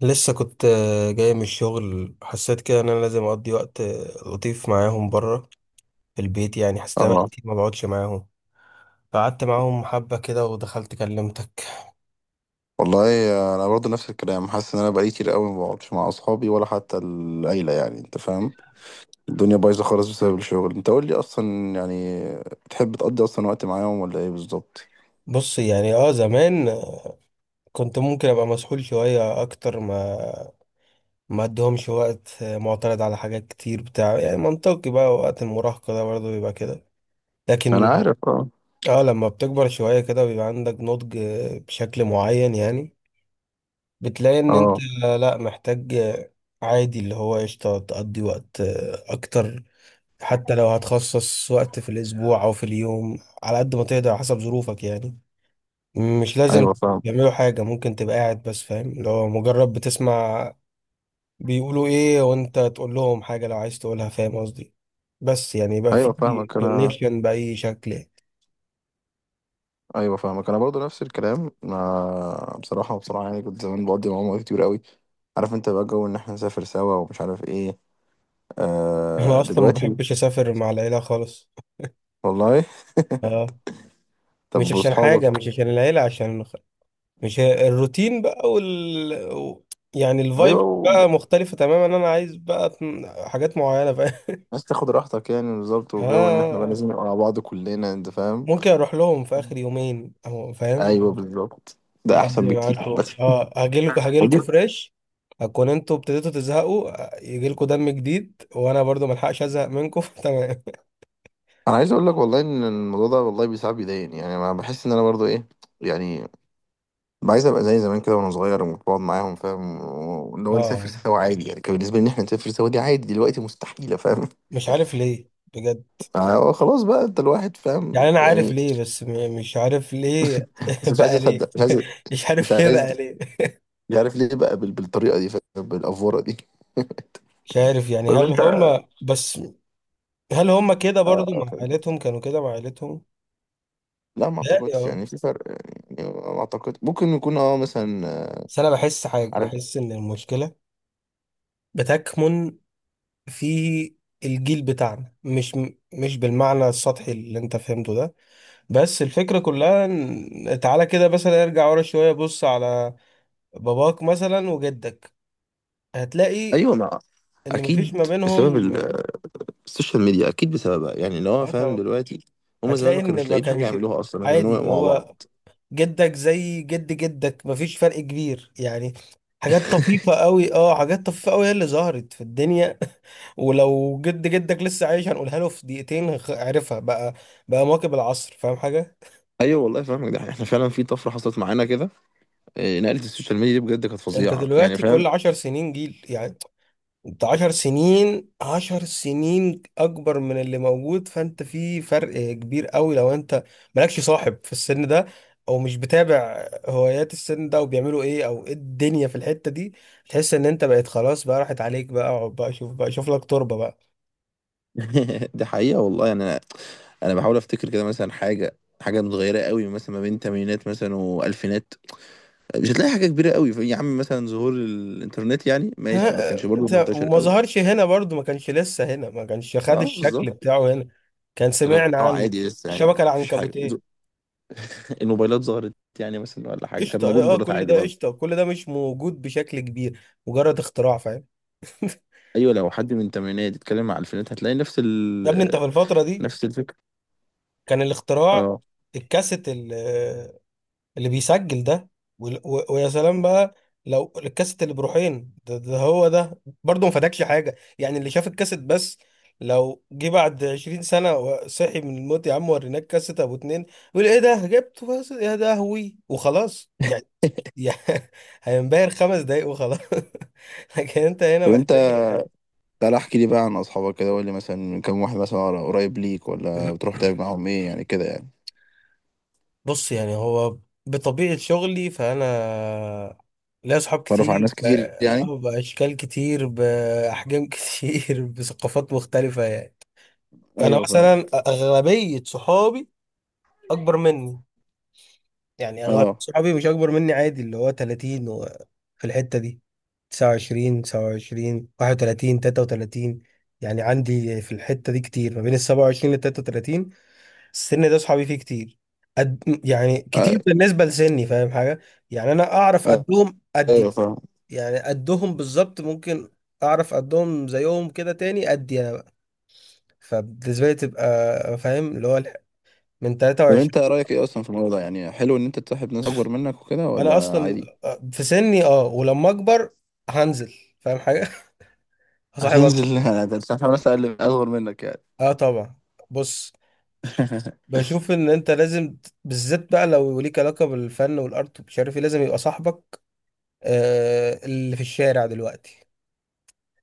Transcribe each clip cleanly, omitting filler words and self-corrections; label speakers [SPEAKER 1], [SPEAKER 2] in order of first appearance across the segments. [SPEAKER 1] لسه كنت جاي من الشغل. حسيت كده ان انا لازم اقضي وقت لطيف معاهم بره في البيت. يعني حسيت بقى
[SPEAKER 2] اه
[SPEAKER 1] كتير ما بقعدش معاهم. قعدت معاهم حبة كده ودخلت كلمتك.
[SPEAKER 2] والله انا برضو نفس الكلام، حاسس ان انا بقالي كتير قوي ما بقعدش مع اصحابي ولا حتى العيله، يعني انت فاهم. الدنيا بايظه خالص بسبب الشغل. انت قول لي اصلا، يعني تحب تقضي اصلا وقت معاهم ولا ايه بالظبط؟
[SPEAKER 1] بص يعني اه زمان كنت ممكن ابقى مسحول شوية اكتر ما اديهمش وقت، معترض على حاجات كتير بتاع، يعني منطقي بقى وقت المراهقة ده برضه بيبقى كده.
[SPEAKER 2] انا
[SPEAKER 1] لكن
[SPEAKER 2] عارف اه.
[SPEAKER 1] اه لما بتكبر شوية كده بيبقى عندك نضج بشكل معين. يعني بتلاقي ان انت
[SPEAKER 2] اه
[SPEAKER 1] لا محتاج، عادي اللي هو قشطة تقضي وقت اكتر، حتى لو هتخصص وقت في الاسبوع او في اليوم على قد ما تقدر على حسب ظروفك. يعني مش لازم
[SPEAKER 2] ايوه فاهم.
[SPEAKER 1] تعملوا حاجة، ممكن تبقى قاعد بس، فاهم، اللي هو مجرد بتسمع بيقولوا ايه وانت تقول لهم حاجة لو عايز تقولها. فاهم قصدي؟ بس يعني يبقى في
[SPEAKER 2] ايوه فاهمك انا.
[SPEAKER 1] كونكشن بأي شكل يعني.
[SPEAKER 2] ايوه فاهمك انا برضو نفس الكلام. ما بصراحه بصراحه يعني كنت زمان بقضي معاهم وقت كتير قوي. عارف انت بقى جو ان احنا نسافر سوا ومش عارف ايه.
[SPEAKER 1] انا اصلا ما
[SPEAKER 2] دلوقتي.
[SPEAKER 1] بحبش اسافر مع العيلة خالص.
[SPEAKER 2] والله.
[SPEAKER 1] اه، مش
[SPEAKER 2] طب
[SPEAKER 1] عشان حاجة،
[SPEAKER 2] واصحابك؟
[SPEAKER 1] مش عشان العيلة، عشان مش هي- الروتين بقى يعني الفايب
[SPEAKER 2] ايوه،
[SPEAKER 1] بقى مختلفة تماما. انا عايز بقى حاجات معينة، فاهم؟
[SPEAKER 2] عايز تاخد راحتك يعني بالظبط، وجو ان احنا بقى
[SPEAKER 1] اه،
[SPEAKER 2] لازم نبقى مع بعض كلنا، انت فاهم.
[SPEAKER 1] ممكن اروح لهم في اخر يومين او فاهم،
[SPEAKER 2] ايوه بالظبط. ده احسن
[SPEAKER 1] اقضي
[SPEAKER 2] بكتير،
[SPEAKER 1] معاكم.
[SPEAKER 2] بس
[SPEAKER 1] اه،
[SPEAKER 2] ودي.
[SPEAKER 1] هجيلكم فريش، هكون انتوا ابتديتوا تزهقوا، يجيلكم دم جديد، وانا برضو ملحقش ازهق منكم. تمام.
[SPEAKER 2] انا عايز اقول لك والله ان الموضوع ده، والله بيساعد بيضايقني يعني. انا بحس ان انا برضو ايه يعني، عايز ابقى زي زمان كده وانا صغير وبقعد معاهم، فاهم؟ وان هو نسافر
[SPEAKER 1] اه،
[SPEAKER 2] سوا عادي. يعني كان بالنسبه لي ان احنا نسافر سوا دي عادي، دلوقتي مستحيله فاهم.
[SPEAKER 1] مش عارف ليه بجد.
[SPEAKER 2] خلاص بقى انت، الواحد فاهم
[SPEAKER 1] يعني انا عارف
[SPEAKER 2] يعني.
[SPEAKER 1] ليه، بس مش عارف ليه
[SPEAKER 2] بس مش عايز
[SPEAKER 1] بقى ليه.
[SPEAKER 2] اصدق، مش عايز،
[SPEAKER 1] مش
[SPEAKER 2] مش
[SPEAKER 1] عارف ليه
[SPEAKER 2] عايز.
[SPEAKER 1] بقى ليه.
[SPEAKER 2] مش عارف ليه بقى بالطريقه دي فاهم، بالافوره دي.
[SPEAKER 1] مش عارف، يعني
[SPEAKER 2] طب
[SPEAKER 1] هل هم بس، هل هم كده برضو مع
[SPEAKER 2] انت،
[SPEAKER 1] عائلتهم كانوا كده مع عائلتهم؟
[SPEAKER 2] لا ما
[SPEAKER 1] لا
[SPEAKER 2] اعتقدش
[SPEAKER 1] اه.
[SPEAKER 2] يعني في فرق. يعني ما اعتقد، ممكن يكون اه مثلا
[SPEAKER 1] بس انا بحس حاجه،
[SPEAKER 2] عارف.
[SPEAKER 1] بحس ان المشكله بتكمن في الجيل بتاعنا، مش مش بالمعنى السطحي اللي انت فهمته ده، بس الفكره كلها تعالى كده مثلا ارجع ورا شويه، بص على باباك مثلا وجدك، هتلاقي
[SPEAKER 2] ايوه ما
[SPEAKER 1] ان
[SPEAKER 2] اكيد،
[SPEAKER 1] مفيش ما
[SPEAKER 2] بسبب
[SPEAKER 1] بينهم.
[SPEAKER 2] السوشيال ميديا اكيد بسببها، يعني اللي هو
[SPEAKER 1] آه
[SPEAKER 2] فاهم
[SPEAKER 1] طبعا.
[SPEAKER 2] دلوقتي. هما زمان
[SPEAKER 1] هتلاقي
[SPEAKER 2] ما
[SPEAKER 1] ان
[SPEAKER 2] كانوش
[SPEAKER 1] ما
[SPEAKER 2] لاقيين حاجه
[SPEAKER 1] كانش
[SPEAKER 2] يعملوها اصلا غير ان
[SPEAKER 1] عادي
[SPEAKER 2] هو يبقوا
[SPEAKER 1] اللي
[SPEAKER 2] مع
[SPEAKER 1] هو
[SPEAKER 2] بعض.
[SPEAKER 1] جدك زي جد جدك مفيش فرق كبير يعني. حاجات طفيفة قوي، اه حاجات طفيفة قوي هي اللي ظهرت في الدنيا. ولو جد جدك لسه عايش هنقولها له في دقيقتين، عرفها بقى، بقى مواكب العصر. فاهم حاجة؟
[SPEAKER 2] ايوه والله فاهمك، ده احنا فعلا في طفره حصلت معانا كده. إيه، نقله السوشيال ميديا دي بجد كانت
[SPEAKER 1] انت
[SPEAKER 2] فظيعه يعني
[SPEAKER 1] دلوقتي
[SPEAKER 2] فاهم.
[SPEAKER 1] كل عشر سنين جيل يعني. انت عشر سنين، عشر سنين اكبر من اللي موجود، فانت في فرق كبير قوي لو انت مالكش صاحب في السن ده، او مش بتابع هوايات السن ده وبيعملوا ايه او ايه الدنيا في الحتة دي. تحس ان انت بقيت خلاص، بقى راحت عليك، بقى اقعد بقى، شوف بقى، شوف لك تربة بقى.
[SPEAKER 2] ده حقيقه والله يعني. انا انا بحاول افتكر كده مثلا حاجه، حاجه متغيره قوي مثلا ما بين تمانينات مثلا والفينات. مش هتلاقي حاجة كبيرة قوي. يا عم مثلا ظهور الإنترنت، يعني ماشي ما
[SPEAKER 1] ها
[SPEAKER 2] كانش برضه
[SPEAKER 1] انت،
[SPEAKER 2] منتشر
[SPEAKER 1] وما
[SPEAKER 2] قوي.
[SPEAKER 1] ظهرش هنا برضو، ما كانش لسه هنا، ما كانش خد
[SPEAKER 2] اه
[SPEAKER 1] الشكل
[SPEAKER 2] بالظبط.
[SPEAKER 1] بتاعه هنا. كان
[SPEAKER 2] اللي
[SPEAKER 1] سمعنا
[SPEAKER 2] هو
[SPEAKER 1] عنه،
[SPEAKER 2] عادي لسه، يعني
[SPEAKER 1] الشبكة
[SPEAKER 2] مفيش حاجة.
[SPEAKER 1] العنكبوتية،
[SPEAKER 2] الموبايلات ظهرت يعني مثلا ولا حاجة، كان
[SPEAKER 1] قشطة.
[SPEAKER 2] موجود
[SPEAKER 1] اه
[SPEAKER 2] موبايلات
[SPEAKER 1] كل
[SPEAKER 2] عادي
[SPEAKER 1] ده
[SPEAKER 2] برضه.
[SPEAKER 1] قشطة، كل ده مش موجود بشكل كبير، مجرد اختراع، فاهم.
[SPEAKER 2] أيوة لو حد من الثمانينات يتكلم على الألفينات، هتلاقي نفس
[SPEAKER 1] يا ابني انت في الفترة دي
[SPEAKER 2] نفس الفكرة.
[SPEAKER 1] كان الاختراع
[SPEAKER 2] اه.
[SPEAKER 1] الكاسيت اللي بيسجل ده، ويا سلام بقى لو الكاسيت اللي بروحين ده, ده هو ده برضه ما فادكش حاجة يعني. اللي شاف الكاسيت بس، لو جه بعد 20 سنة وصحي من الموت يا عم، وريناك كاسيت ابو اتنين، يقول ايه ده جبته، بس يا ده هوي وخلاص يعني. يعني هينبهر خمس دقايق وخلاص. لكن انت هنا
[SPEAKER 2] طب أنت،
[SPEAKER 1] محتاج،
[SPEAKER 2] تعالى احكي لي بقى عن أصحابك كده، وقول لي مثلا كم واحد مثلا قريب ليك، ولا بتروح تعمل معاهم إيه يعني كده يعني؟
[SPEAKER 1] بص يعني هو بطبيعة شغلي فأنا ليا أصحاب
[SPEAKER 2] تعرف على
[SPEAKER 1] كتير،
[SPEAKER 2] ناس كتير يعني.
[SPEAKER 1] بأشكال كتير، بأحجام كتير، بثقافات مختلفة يعني. أنا
[SPEAKER 2] أيوة
[SPEAKER 1] مثلا
[SPEAKER 2] فاهمك.
[SPEAKER 1] أغلبية صحابي أكبر مني، يعني أغلبية
[SPEAKER 2] اه.
[SPEAKER 1] صحابي مش أكبر مني، عادي اللي هو 30 و- في الحتة دي، 29 31 33. يعني عندي في الحتة دي كتير ما بين ال 27 لل 33. السن ده صحابي فيه كتير قد، يعني
[SPEAKER 2] آه،
[SPEAKER 1] كتير بالنسبة لسني. فاهم حاجة؟ يعني أنا أعرف
[SPEAKER 2] آه،
[SPEAKER 1] قدهم
[SPEAKER 2] أيوة
[SPEAKER 1] قدي،
[SPEAKER 2] فاهم.
[SPEAKER 1] يعني قدهم بالظبط. ممكن أعرف قدهم زيهم كده تاني قدي أنا بقى، فبالنسبة لي تبقى فاهم اللي هو من
[SPEAKER 2] طب
[SPEAKER 1] 23.
[SPEAKER 2] انت رايك ايه اصلا في الموضوع ده؟ يعني حلو ان انت تصاحب ناس اكبر منك وكده،
[SPEAKER 1] أنا
[SPEAKER 2] ولا
[SPEAKER 1] أصلا
[SPEAKER 2] عادي؟
[SPEAKER 1] في سني أه، ولما أكبر هنزل، فاهم حاجة؟ هصاحب أكتر.
[SPEAKER 2] هتنزل؟ هتصاحب ناس اقل، اصغر منك يعني؟
[SPEAKER 1] أه طبعا. بص، بشوف إن أنت لازم بالذات بقى لو ليك علاقة بالفن والأرت ومش عارف إيه، لازم يبقى صاحبك اللي في الشارع دلوقتي،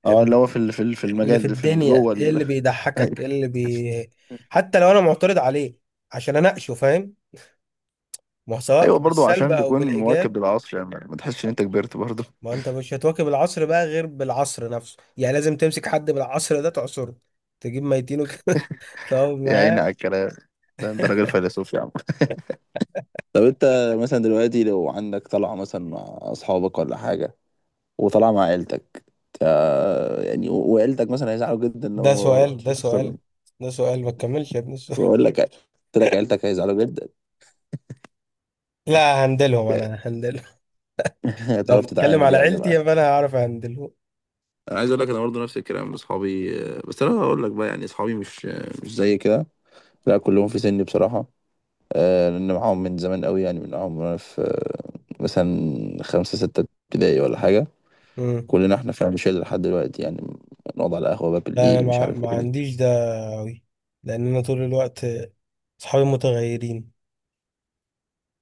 [SPEAKER 2] اه، اللي هو في في
[SPEAKER 1] اللي في
[SPEAKER 2] المجال ده،
[SPEAKER 1] الدنيا.
[SPEAKER 2] جوه
[SPEAKER 1] ايه
[SPEAKER 2] ال...
[SPEAKER 1] اللي بيضحكك، ايه
[SPEAKER 2] ايوه.
[SPEAKER 1] اللي بي، حتى لو انا معترض عليه عشان اناقشه، فاهم، ما هو سواء
[SPEAKER 2] ايوه برضه،
[SPEAKER 1] بالسلب
[SPEAKER 2] عشان
[SPEAKER 1] او
[SPEAKER 2] تكون مواكب
[SPEAKER 1] بالايجاب.
[SPEAKER 2] للعصر يعني، ما تحسش ان انت كبرت برضه.
[SPEAKER 1] ما انت مش هتواكب العصر بقى غير بالعصر نفسه، يعني لازم تمسك حد بالعصر ده تعصره، تجيب ميتينه كده تقعد
[SPEAKER 2] يا عيني
[SPEAKER 1] معاه.
[SPEAKER 2] على الكلام، ده انت راجل فيلسوف يا عم. طب انت مثلا دلوقتي لو عندك طلعة مثلا مع اصحابك ولا حاجة، وطلعة مع عيلتك، وعيلتك مثلا هيزعلوا جدا
[SPEAKER 1] ده
[SPEAKER 2] لو
[SPEAKER 1] سؤال،
[SPEAKER 2] رحت، مش
[SPEAKER 1] ده
[SPEAKER 2] هتخسر
[SPEAKER 1] سؤال،
[SPEAKER 2] مني؟
[SPEAKER 1] ده سؤال ما تكملش يا ابني السؤال.
[SPEAKER 2] بقول لك، قلت لك عيلتك هيزعلوا جدا.
[SPEAKER 1] لا هندلهم، انا هندلهم. لو
[SPEAKER 2] هتعرف
[SPEAKER 1] بتكلم
[SPEAKER 2] تتعامل
[SPEAKER 1] على
[SPEAKER 2] يعني معاه.
[SPEAKER 1] عيلتي فانا هعرف هندلهم.
[SPEAKER 2] انا عايز اقول لك انا برضه نفس الكلام. اصحابي، بس انا هقول لك بقى، يعني اصحابي مش زي كده، لا كلهم في سني بصراحه. لان معاهم من زمان قوي، يعني من معاهم وانا في مثلا خمسة ستة ابتدائي ولا حاجه. كلنا احنا فاهم، شله لحد دلوقتي يعني. نقعد على قهوه بقى
[SPEAKER 1] لا انا
[SPEAKER 2] بالليل، مش عارف
[SPEAKER 1] ما
[SPEAKER 2] ايه.
[SPEAKER 1] عنديش ده أوي، لان انا طول الوقت اصحابي متغيرين.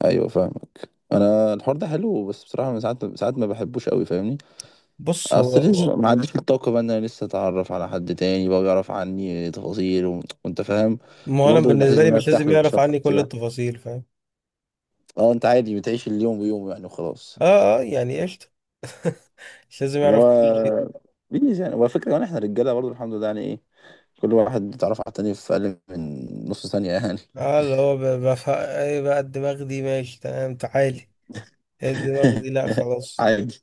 [SPEAKER 2] ايوه فاهمك انا. الحوار ده حلو بس بصراحه من ساعات ما بحبوش قوي فاهمني.
[SPEAKER 1] بص هو،
[SPEAKER 2] اصل ليش ما عنديش الطاقة بقى ان انا لسه اتعرف على حد تاني، بقى يعرف عني تفاصيل و... وانت فاهم.
[SPEAKER 1] ما انا
[SPEAKER 2] وبرضه الاحساس
[SPEAKER 1] بالنسبه
[SPEAKER 2] ان
[SPEAKER 1] لي
[SPEAKER 2] انا
[SPEAKER 1] مش
[SPEAKER 2] ارتاح
[SPEAKER 1] لازم يعرف
[SPEAKER 2] للشخص
[SPEAKER 1] عني كل
[SPEAKER 2] ده.
[SPEAKER 1] التفاصيل، فاهم.
[SPEAKER 2] اه انت عادي بتعيش اليوم بيوم يعني وخلاص.
[SPEAKER 1] اه اه يعني قشطه. مش لازم
[SPEAKER 2] اللي
[SPEAKER 1] يعرف كل شيء.
[SPEAKER 2] هو بيز يعني. وعلى فكرة يعني احنا رجالة برضه الحمد لله، يعني ايه، كل واحد اتعرف على التاني في اقل من نص ثانية يعني.
[SPEAKER 1] اه اللي هو بفهم ايه بقى، الدماغ دي ماشي تمام تعالي، إيه الدماغ دي لا خلاص.
[SPEAKER 2] عادي.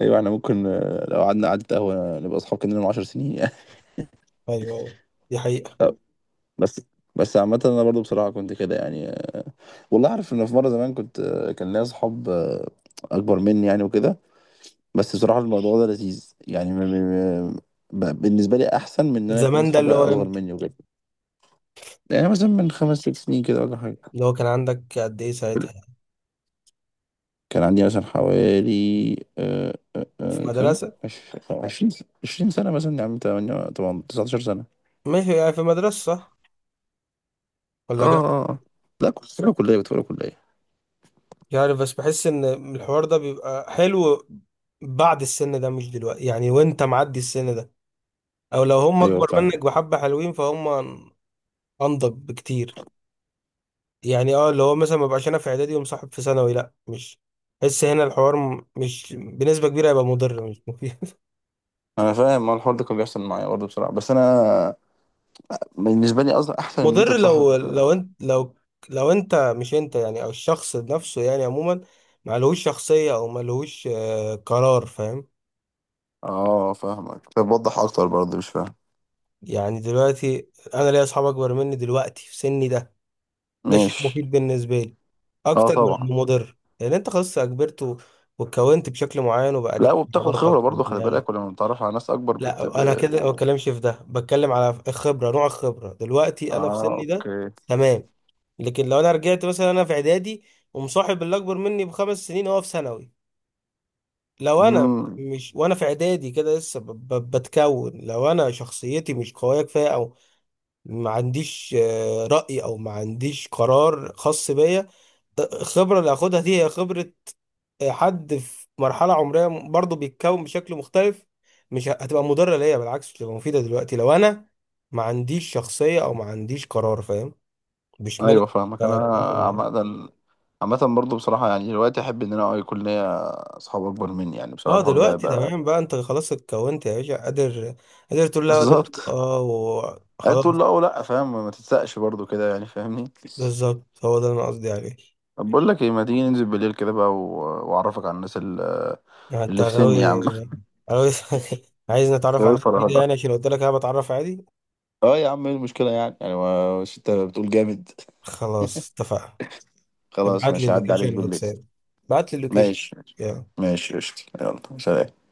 [SPEAKER 2] ايوه احنا ممكن لو قعدنا قعدة قهوة نبقى اصحاب كنا من 10 سنين يعني.
[SPEAKER 1] ايوه ايوه، دي حقيقه.
[SPEAKER 2] طب، بس بس عامة انا برضه بصراحة كنت كده يعني. والله عارف ان في مره زمان كنت، كان ليا اصحاب اكبر مني يعني وكده. بس بصراحه الموضوع ده لذيذ يعني. بالنسبه لي احسن من ان انا يكون
[SPEAKER 1] زمان ده
[SPEAKER 2] اصحابي
[SPEAKER 1] اللي هو
[SPEAKER 2] اصغر
[SPEAKER 1] امتى؟
[SPEAKER 2] مني وكده. يعني مثلا من خمس ست سنين كده ولا حاجه.
[SPEAKER 1] اللي هو كان عندك قد ايه ساعتها؟
[SPEAKER 2] كان عندي مثلا حوالي
[SPEAKER 1] في
[SPEAKER 2] كم،
[SPEAKER 1] مدرسه؟
[SPEAKER 2] عشرين، عشرين سنه مثلا، يعني تمانية طبعا 19 سنه.
[SPEAKER 1] ماشي يعني، في مدرسه صح
[SPEAKER 2] اه
[SPEAKER 1] ولا جامعه؟
[SPEAKER 2] اه آه. لا كنت في أولى كليه، كنت في أولى كليه.
[SPEAKER 1] يعني بس بحس ان الحوار ده بيبقى حلو بعد السن ده، مش دلوقتي يعني وانت معدي السن ده، او لو هم
[SPEAKER 2] ايوه
[SPEAKER 1] اكبر
[SPEAKER 2] فاهم.
[SPEAKER 1] منك بحبة حلوين فهم، انضج بكتير. يعني اه اللي هو مثلا ما بقاش انا في اعدادي ومصاحب في ثانوي، لا مش، بحس هنا الحوار مش بنسبة كبيرة هيبقى مضر، مش مفيد.
[SPEAKER 2] انا فاهم، ما الحوار ده كان بيحصل معايا برضه بصراحه. بس انا بالنسبه لي اصلا احسن ان انت
[SPEAKER 1] مضر لو
[SPEAKER 2] تصاحب.
[SPEAKER 1] لو انت لو لو انت مش انت يعني، او الشخص نفسه يعني عموما، ملهوش شخصية او ملهوش قرار، فاهم.
[SPEAKER 2] اه فاهمك. طب وضح اكتر برضه مش فاهم.
[SPEAKER 1] يعني دلوقتي انا ليا اصحاب اكبر مني دلوقتي في سني ده، ده شيء
[SPEAKER 2] ماشي.
[SPEAKER 1] مفيد بالنسبة لي
[SPEAKER 2] اه
[SPEAKER 1] أكتر من
[SPEAKER 2] طبعا.
[SPEAKER 1] إنه مضر، لأن أنت خلاص كبرت و- واتكونت بشكل معين وبقى
[SPEAKER 2] لا،
[SPEAKER 1] ليك
[SPEAKER 2] وبتاخد خبرة
[SPEAKER 1] قراراتك
[SPEAKER 2] برضه خلي بالك،
[SPEAKER 1] ودماغك.
[SPEAKER 2] ولما بتتعرف على ناس اكبر بت ب...
[SPEAKER 1] لا أنا كده ما بتكلمش في ده، بتكلم على الخبرة، نوع الخبرة دلوقتي أنا في
[SPEAKER 2] اه
[SPEAKER 1] سني ده.
[SPEAKER 2] اوكي.
[SPEAKER 1] تمام. لكن لو أنا رجعت مثلا أنا في إعدادي ومصاحب اللي أكبر مني بخمس سنين وهو في ثانوي. لو أنا،
[SPEAKER 2] امم
[SPEAKER 1] مش وأنا في إعدادي كده لسه بتكون، لو أنا شخصيتي مش قوية كفاية، أو ما عنديش رأي، أو ما عنديش قرار خاص بيا، الخبرة اللي هاخدها دي هي خبرة حد في مرحلة عمرية برضه بيتكون بشكل مختلف، مش هتبقى مضرة ليا، بالعكس تبقى مفيدة. دلوقتي لو أنا ما عنديش شخصية أو ما عنديش قرار، فاهم، مش
[SPEAKER 2] ايوه
[SPEAKER 1] ملك
[SPEAKER 2] فاهمك انا.
[SPEAKER 1] قرار يعني.
[SPEAKER 2] عامة، عامة برضه بصراحة يعني دلوقتي احب ان انا يكون ليا اصحاب اكبر مني، يعني بصراحة
[SPEAKER 1] اه
[SPEAKER 2] الحوار ده
[SPEAKER 1] دلوقتي
[SPEAKER 2] هيبقى.
[SPEAKER 1] تمام بقى، انت خلاص اتكونت يا باشا، قادر قادر تقول لا، قادر
[SPEAKER 2] بالظبط.
[SPEAKER 1] تقول اه،
[SPEAKER 2] قال
[SPEAKER 1] وخلاص.
[SPEAKER 2] تقول لا، ولا فاهم، ما تتسقش برضه كده يعني فاهمني.
[SPEAKER 1] بالظبط، هو ده اللي انا قصدي عليه.
[SPEAKER 2] طب بقول لك ايه، ما تيجي ننزل بالليل كده بقى و... واعرفك على الناس اللي،
[SPEAKER 1] يعني انت
[SPEAKER 2] اللي في سني يا عم.
[SPEAKER 1] غاوي، غاوي عايز نتعرف على
[SPEAKER 2] يا
[SPEAKER 1] ناس جديدة،
[SPEAKER 2] فرهدة.
[SPEAKER 1] يعني عشان قلت لك انا بتعرف عادي.
[SPEAKER 2] اه يا عم ايه المشكلة يعني؟ يعني مش انت بتقول جامد؟
[SPEAKER 1] خلاص اتفقنا.
[SPEAKER 2] خلاص
[SPEAKER 1] ابعت لي
[SPEAKER 2] ماشي، هعدي عليك
[SPEAKER 1] اللوكيشن
[SPEAKER 2] بالليل.
[SPEAKER 1] واتساب، ابعت لي اللوكيشن.
[SPEAKER 2] ماشي ماشي.
[SPEAKER 1] يلا
[SPEAKER 2] ماشي قشطة، يلا سلام.